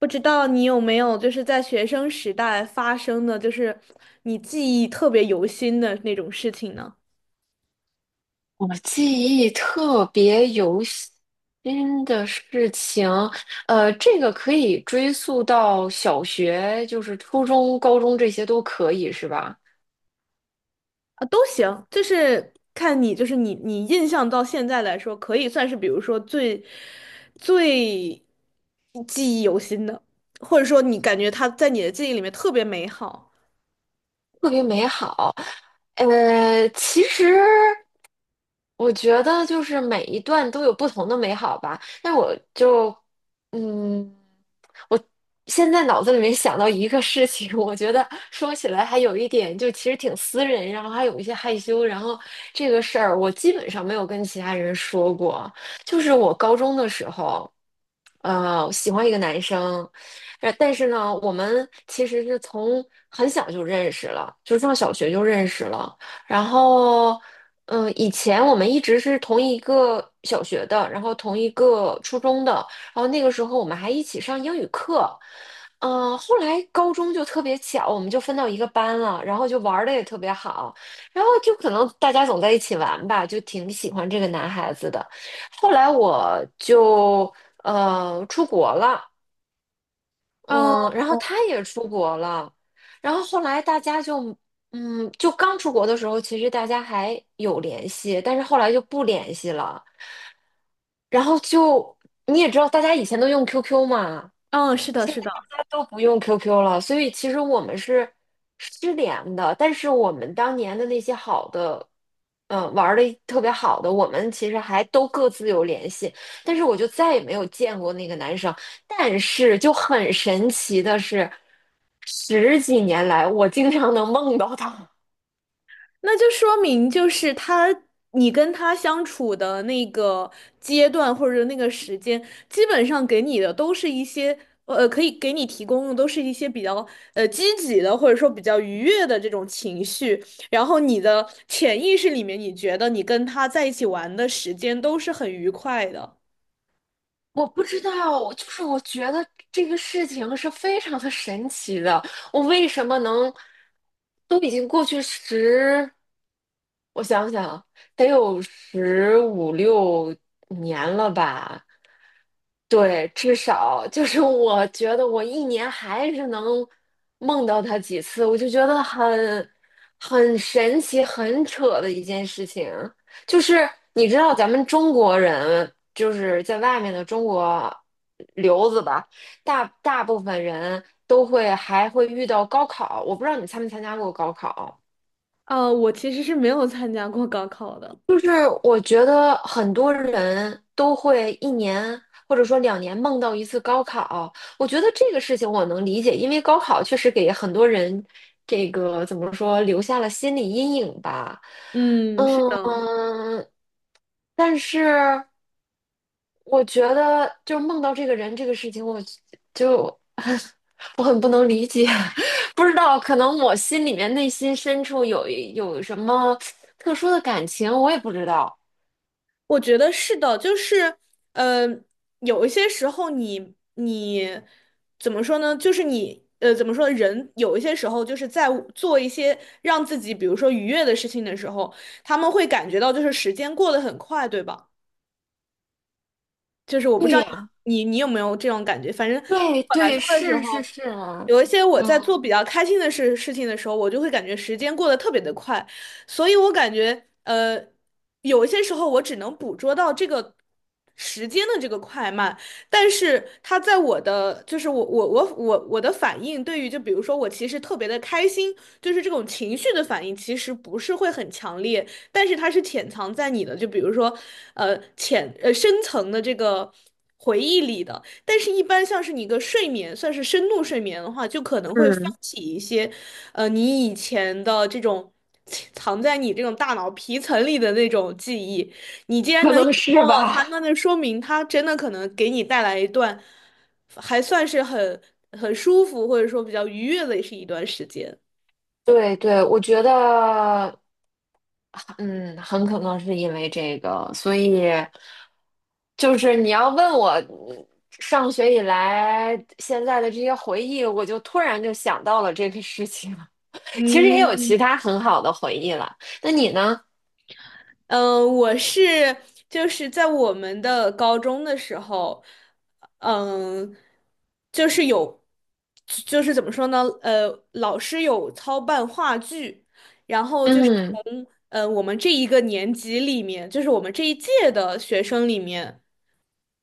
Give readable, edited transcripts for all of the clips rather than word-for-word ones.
不知道你有没有在学生时代发生的，你记忆特别犹新的那种事情呢？我记忆特别犹新的事情，这个可以追溯到小学，就是初中、高中这些都可以，是吧？啊，都行，看你，你印象到现在来说，可以算是比如说最记忆犹新的，或者说你感觉他在你的记忆里面特别美好。特别美好。呃，其实。我觉得就是每一段都有不同的美好吧，但我就，嗯，我现在脑子里面想到一个事情，我觉得说起来还有一点，就其实挺私人，然后还有一些害羞，然后这个事儿我基本上没有跟其他人说过，就是我高中的时候，我喜欢一个男生，但是呢，我们其实是从很小就认识了，就上小学就认识了。然后以前我们一直是同一个小学的，然后同一个初中的，然后那个时候我们还一起上英语课。后来高中就特别巧，我们就分到一个班了，然后就玩的也特别好，然后就可能大家总在一起玩吧，就挺喜欢这个男孩子的。后来我就出国了，哦，嗯，然后他也出国了，然后后来大家就，就刚出国的时候，其实大家还有联系，但是后来就不联系了。然后就你也知道，大家以前都用 QQ 嘛，嗯，是的，现在是的。大家都不用 QQ 了，所以其实我们是失联的。但是我们当年的那些好的，玩的特别好的，我们其实还都各自有联系。但是我就再也没有见过那个男生。但是就很神奇的是，十几年来我经常能梦到他。那就说明就是他，你跟他相处的那个阶段或者那个时间，基本上给你的都是一些可以给你提供的都是一些比较积极的或者说比较愉悦的这种情绪，然后你的潜意识里面，你觉得你跟他在一起玩的时间都是很愉快的。我不知道，就是我觉得这个事情是非常的神奇的。我为什么能都已经过去十我想想啊，得有十五六年了吧？对，至少就是我觉得我一年还是能梦到他几次，我就觉得很神奇、很扯的一件事情。就是你知道，咱们中国人就是在外面的中国留子吧，大部分人都会还会遇到高考。我不知道你参没参加过高考。我其实是没有参加过高考的。就是我觉得很多人都会一年或者说2年梦到1次高考，我觉得这个事情我能理解，因为高考确实给很多人这个怎么说留下了心理阴影吧。嗯，是的。嗯，但是我觉得就梦到这个人这个事情，就 我很不能理解，不知道可能我心里面内心深处有什么特殊的感情，我也不知道。我觉得是的，呃，有一些时候你怎么说呢？就是你怎么说呢，人有一些时候就是在做一些让自己，比如说愉悦的事情的时候，他们会感觉到就是时间过得很快，对吧？就是我不知对道你呀。你你有没有这种感觉，反正对对我来对，说的时是是候，是，有一些我在嗯，做比较开心的事情的时候，我就会感觉时间过得特别的快，所以我感觉有一些时候我只能捕捉到这个时间的这个快慢，但是它在我的，就是我的反应，对于就比如说我其实特别的开心，就是这种情绪的反应，其实不是会很强烈。但是它是潜藏在你的，就比如说，深层的这个回忆里的。但是，一般像是你一个睡眠，算是深度睡眠的话，就可能会发嗯，起一些，你以前的这种藏在你这种大脑皮层里的那种记忆。你既然可能一能直是梦到它，吧。那就说明它真的可能给你带来一段还算是很舒服，或者说比较愉悦的是一段时间。对对，我觉得，嗯，很可能是因为这个，所以就是你要问我上学以来现在的这些回忆，我就突然就想到了这个事情。其实也有其嗯，他很好的回忆了。那你呢？嗯，我是就是在我们的高中的时候，嗯，就是有，就是怎么说呢？呃，老师有操办话剧，然后嗯从我们这一个年级里面，就是我们这一届的学生里面，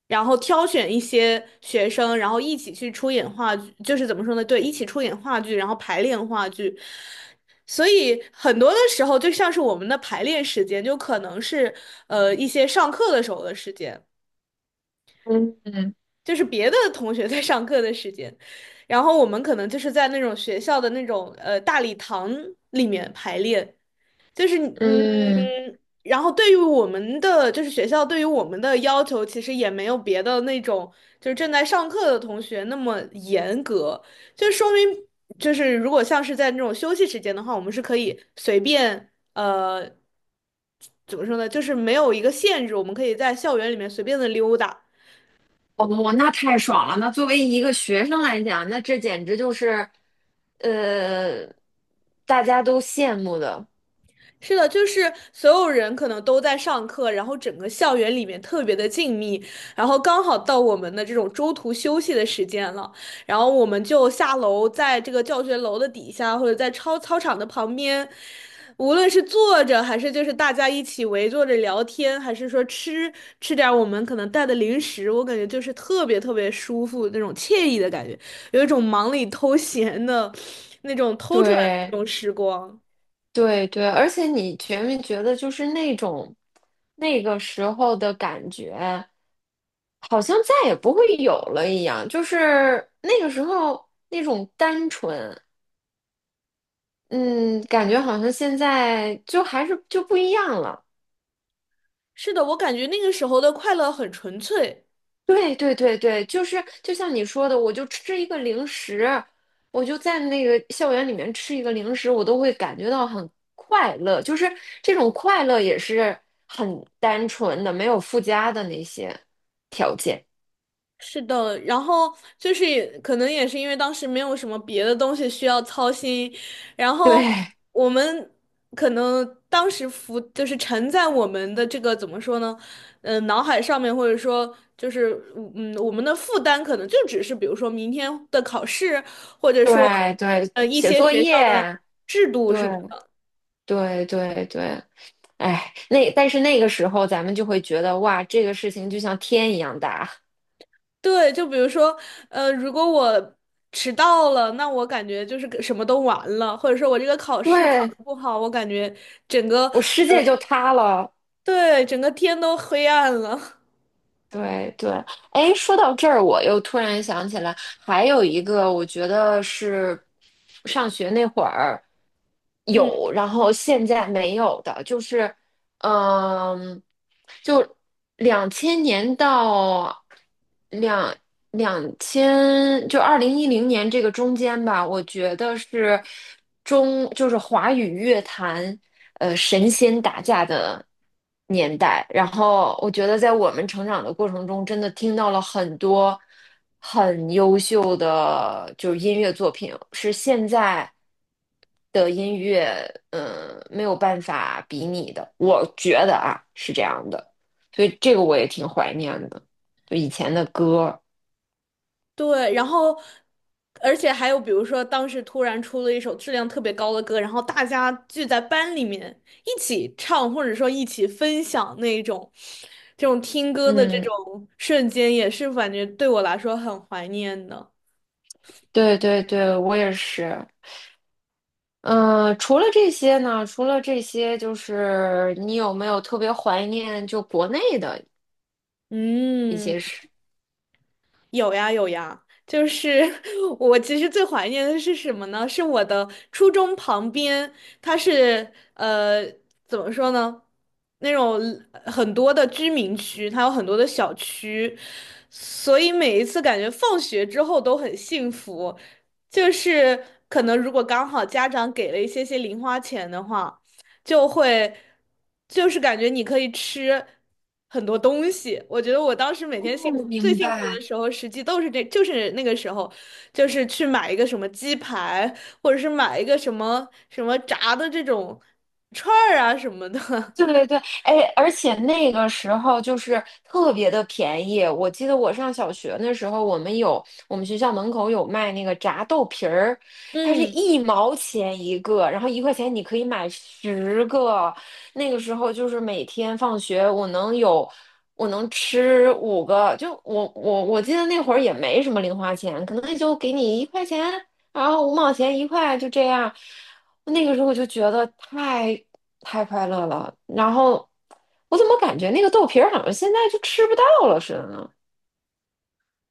然后挑选一些学生，然后一起去出演话剧，就是怎么说呢？对，一起出演话剧，然后排练话剧。所以很多的时候，就像是我们的排练时间，就可能是一些上课的时候的时间，嗯嗯就是别的同学在上课的时间，然后我们可能就是在那种学校的那种大礼堂里面排练。就是嗯。嗯，然后对于我们的，就是学校对于我们的要求，其实也没有别的那种就是正在上课的同学那么严格，就说明就是如果像是在那种休息时间的话，我们是可以随便怎么说呢，就是没有一个限制，我们可以在校园里面随便的溜达。哦，那太爽了！那作为一个学生来讲，那这简直就是，呃，大家都羡慕的。是的，就是所有人可能都在上课，然后整个校园里面特别的静谧，然后刚好到我们的这种中途休息的时间了，然后我们就下楼，在这个教学楼的底下，或者在操场的旁边，无论是坐着还是就是大家一起围坐着聊天，还是说吃点儿我们可能带的零食，我感觉就是特别特别舒服那种惬意的感觉，有一种忙里偷闲的那种偷出来的对那种时光。对对，而且你觉没觉得，就是那种那个时候的感觉，好像再也不会有了一样。就是那个时候那种单纯，嗯，感觉好像现在就还是就不一样了。是的，我感觉那个时候的快乐很纯粹。对对对对，就是就像你说的，我就吃一个零食，我就在那个校园里面吃一个零食，我都会感觉到很快乐，就是这种快乐也是很单纯的，没有附加的那些条件。是的，然后就是也可能也是因为当时没有什么别的东西需要操心，然后对我们可能当时浮就是沉在我们的这个怎么说呢，脑海上面或者说就是我们的负担可能就只是比如说明天的考试，或者说对对，一写些作学校的业，制度对什么。对对对，哎，那但是那个时候咱们就会觉得哇，这个事情就像天一样大，对，就比如说，呃，如果我迟到了，那我感觉就是个什么都完了，或者说我这个考试考对，得不好，我感觉整个，我世界就塌了。对，整个天都黑暗了。对对，哎，说到这儿，我又突然想起来，还有一个，我觉得是上学那会儿 嗯，有，然后现在没有的，就是。嗯，就2000年到两两千，就2010年这个中间吧，我觉得是中，就是华语乐坛，神仙打架的年代。然后我觉得在我们成长的过程中，真的听到了很多很优秀的就是音乐作品，是现在。的音乐，没有办法比拟的，我觉得啊是这样的，所以这个我也挺怀念的，就以前的歌，对，然后，而且还有比如说，当时突然出了一首质量特别高的歌，然后大家聚在班里面一起唱，或者说一起分享那种，这种听歌的这嗯，种瞬间，也是感觉对我来说很怀念的。对对对，我也是，嗯，除了这些呢，除了这些，就是你有没有特别怀念就国内的一嗯。些事？有呀有呀，就是 我其实最怀念的是什么呢？是我的初中旁边，它是怎么说呢？那种很多的居民区，它有很多的小区，所以每一次感觉放学之后都很幸福。就是可能如果刚好家长给了一些些零花钱的话。就会就是感觉你可以吃很多东西。我觉得我当时每天幸哦，福最明幸福的白。时候，实际都是这，就是那个时候，就是去买一个什么鸡排，或者是买一个什么什么炸的这种串儿啊什么的。对对对，哎，而且那个时候就是特别的便宜。我记得我上小学的时候，我们有我们学校门口有卖那个炸豆皮儿，它是嗯，1毛钱一个，然后一块钱你可以买10个。那个时候就是每天放学，我能吃5个，就我记得那会儿也没什么零花钱，可能也就给你一块钱，然后5毛钱一块，就这样。那个时候我就觉得太快乐了。然后我怎么感觉那个豆皮儿好像现在就吃不到了似的呢？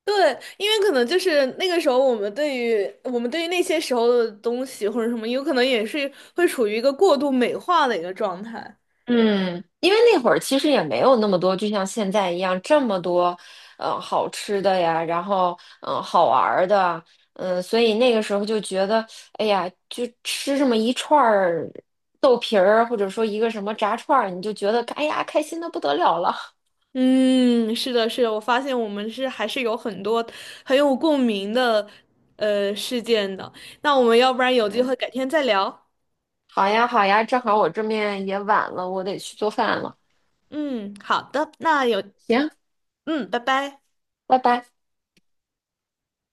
对，因为可能就是那个时候，我们对于那些时候的东西或者什么，有可能也是会处于一个过度美化的一个状态。嗯，因为那会儿其实也没有那么多，就像现在一样这么多，好吃的呀，然后好玩儿的，所以那个时候就觉得，哎呀，就吃这么一串儿豆皮儿，或者说一个什么炸串儿，你就觉得，哎呀，开心的不得了了。嗯，是的，是的，我发现我们是还是有很多很有共鸣的事件的。那我们要不然有机嗯，会改天再聊。好呀，好呀，正好我这面也晚了，我得去做饭了。嗯，好的，那有，行，嗯，拜拜。拜拜。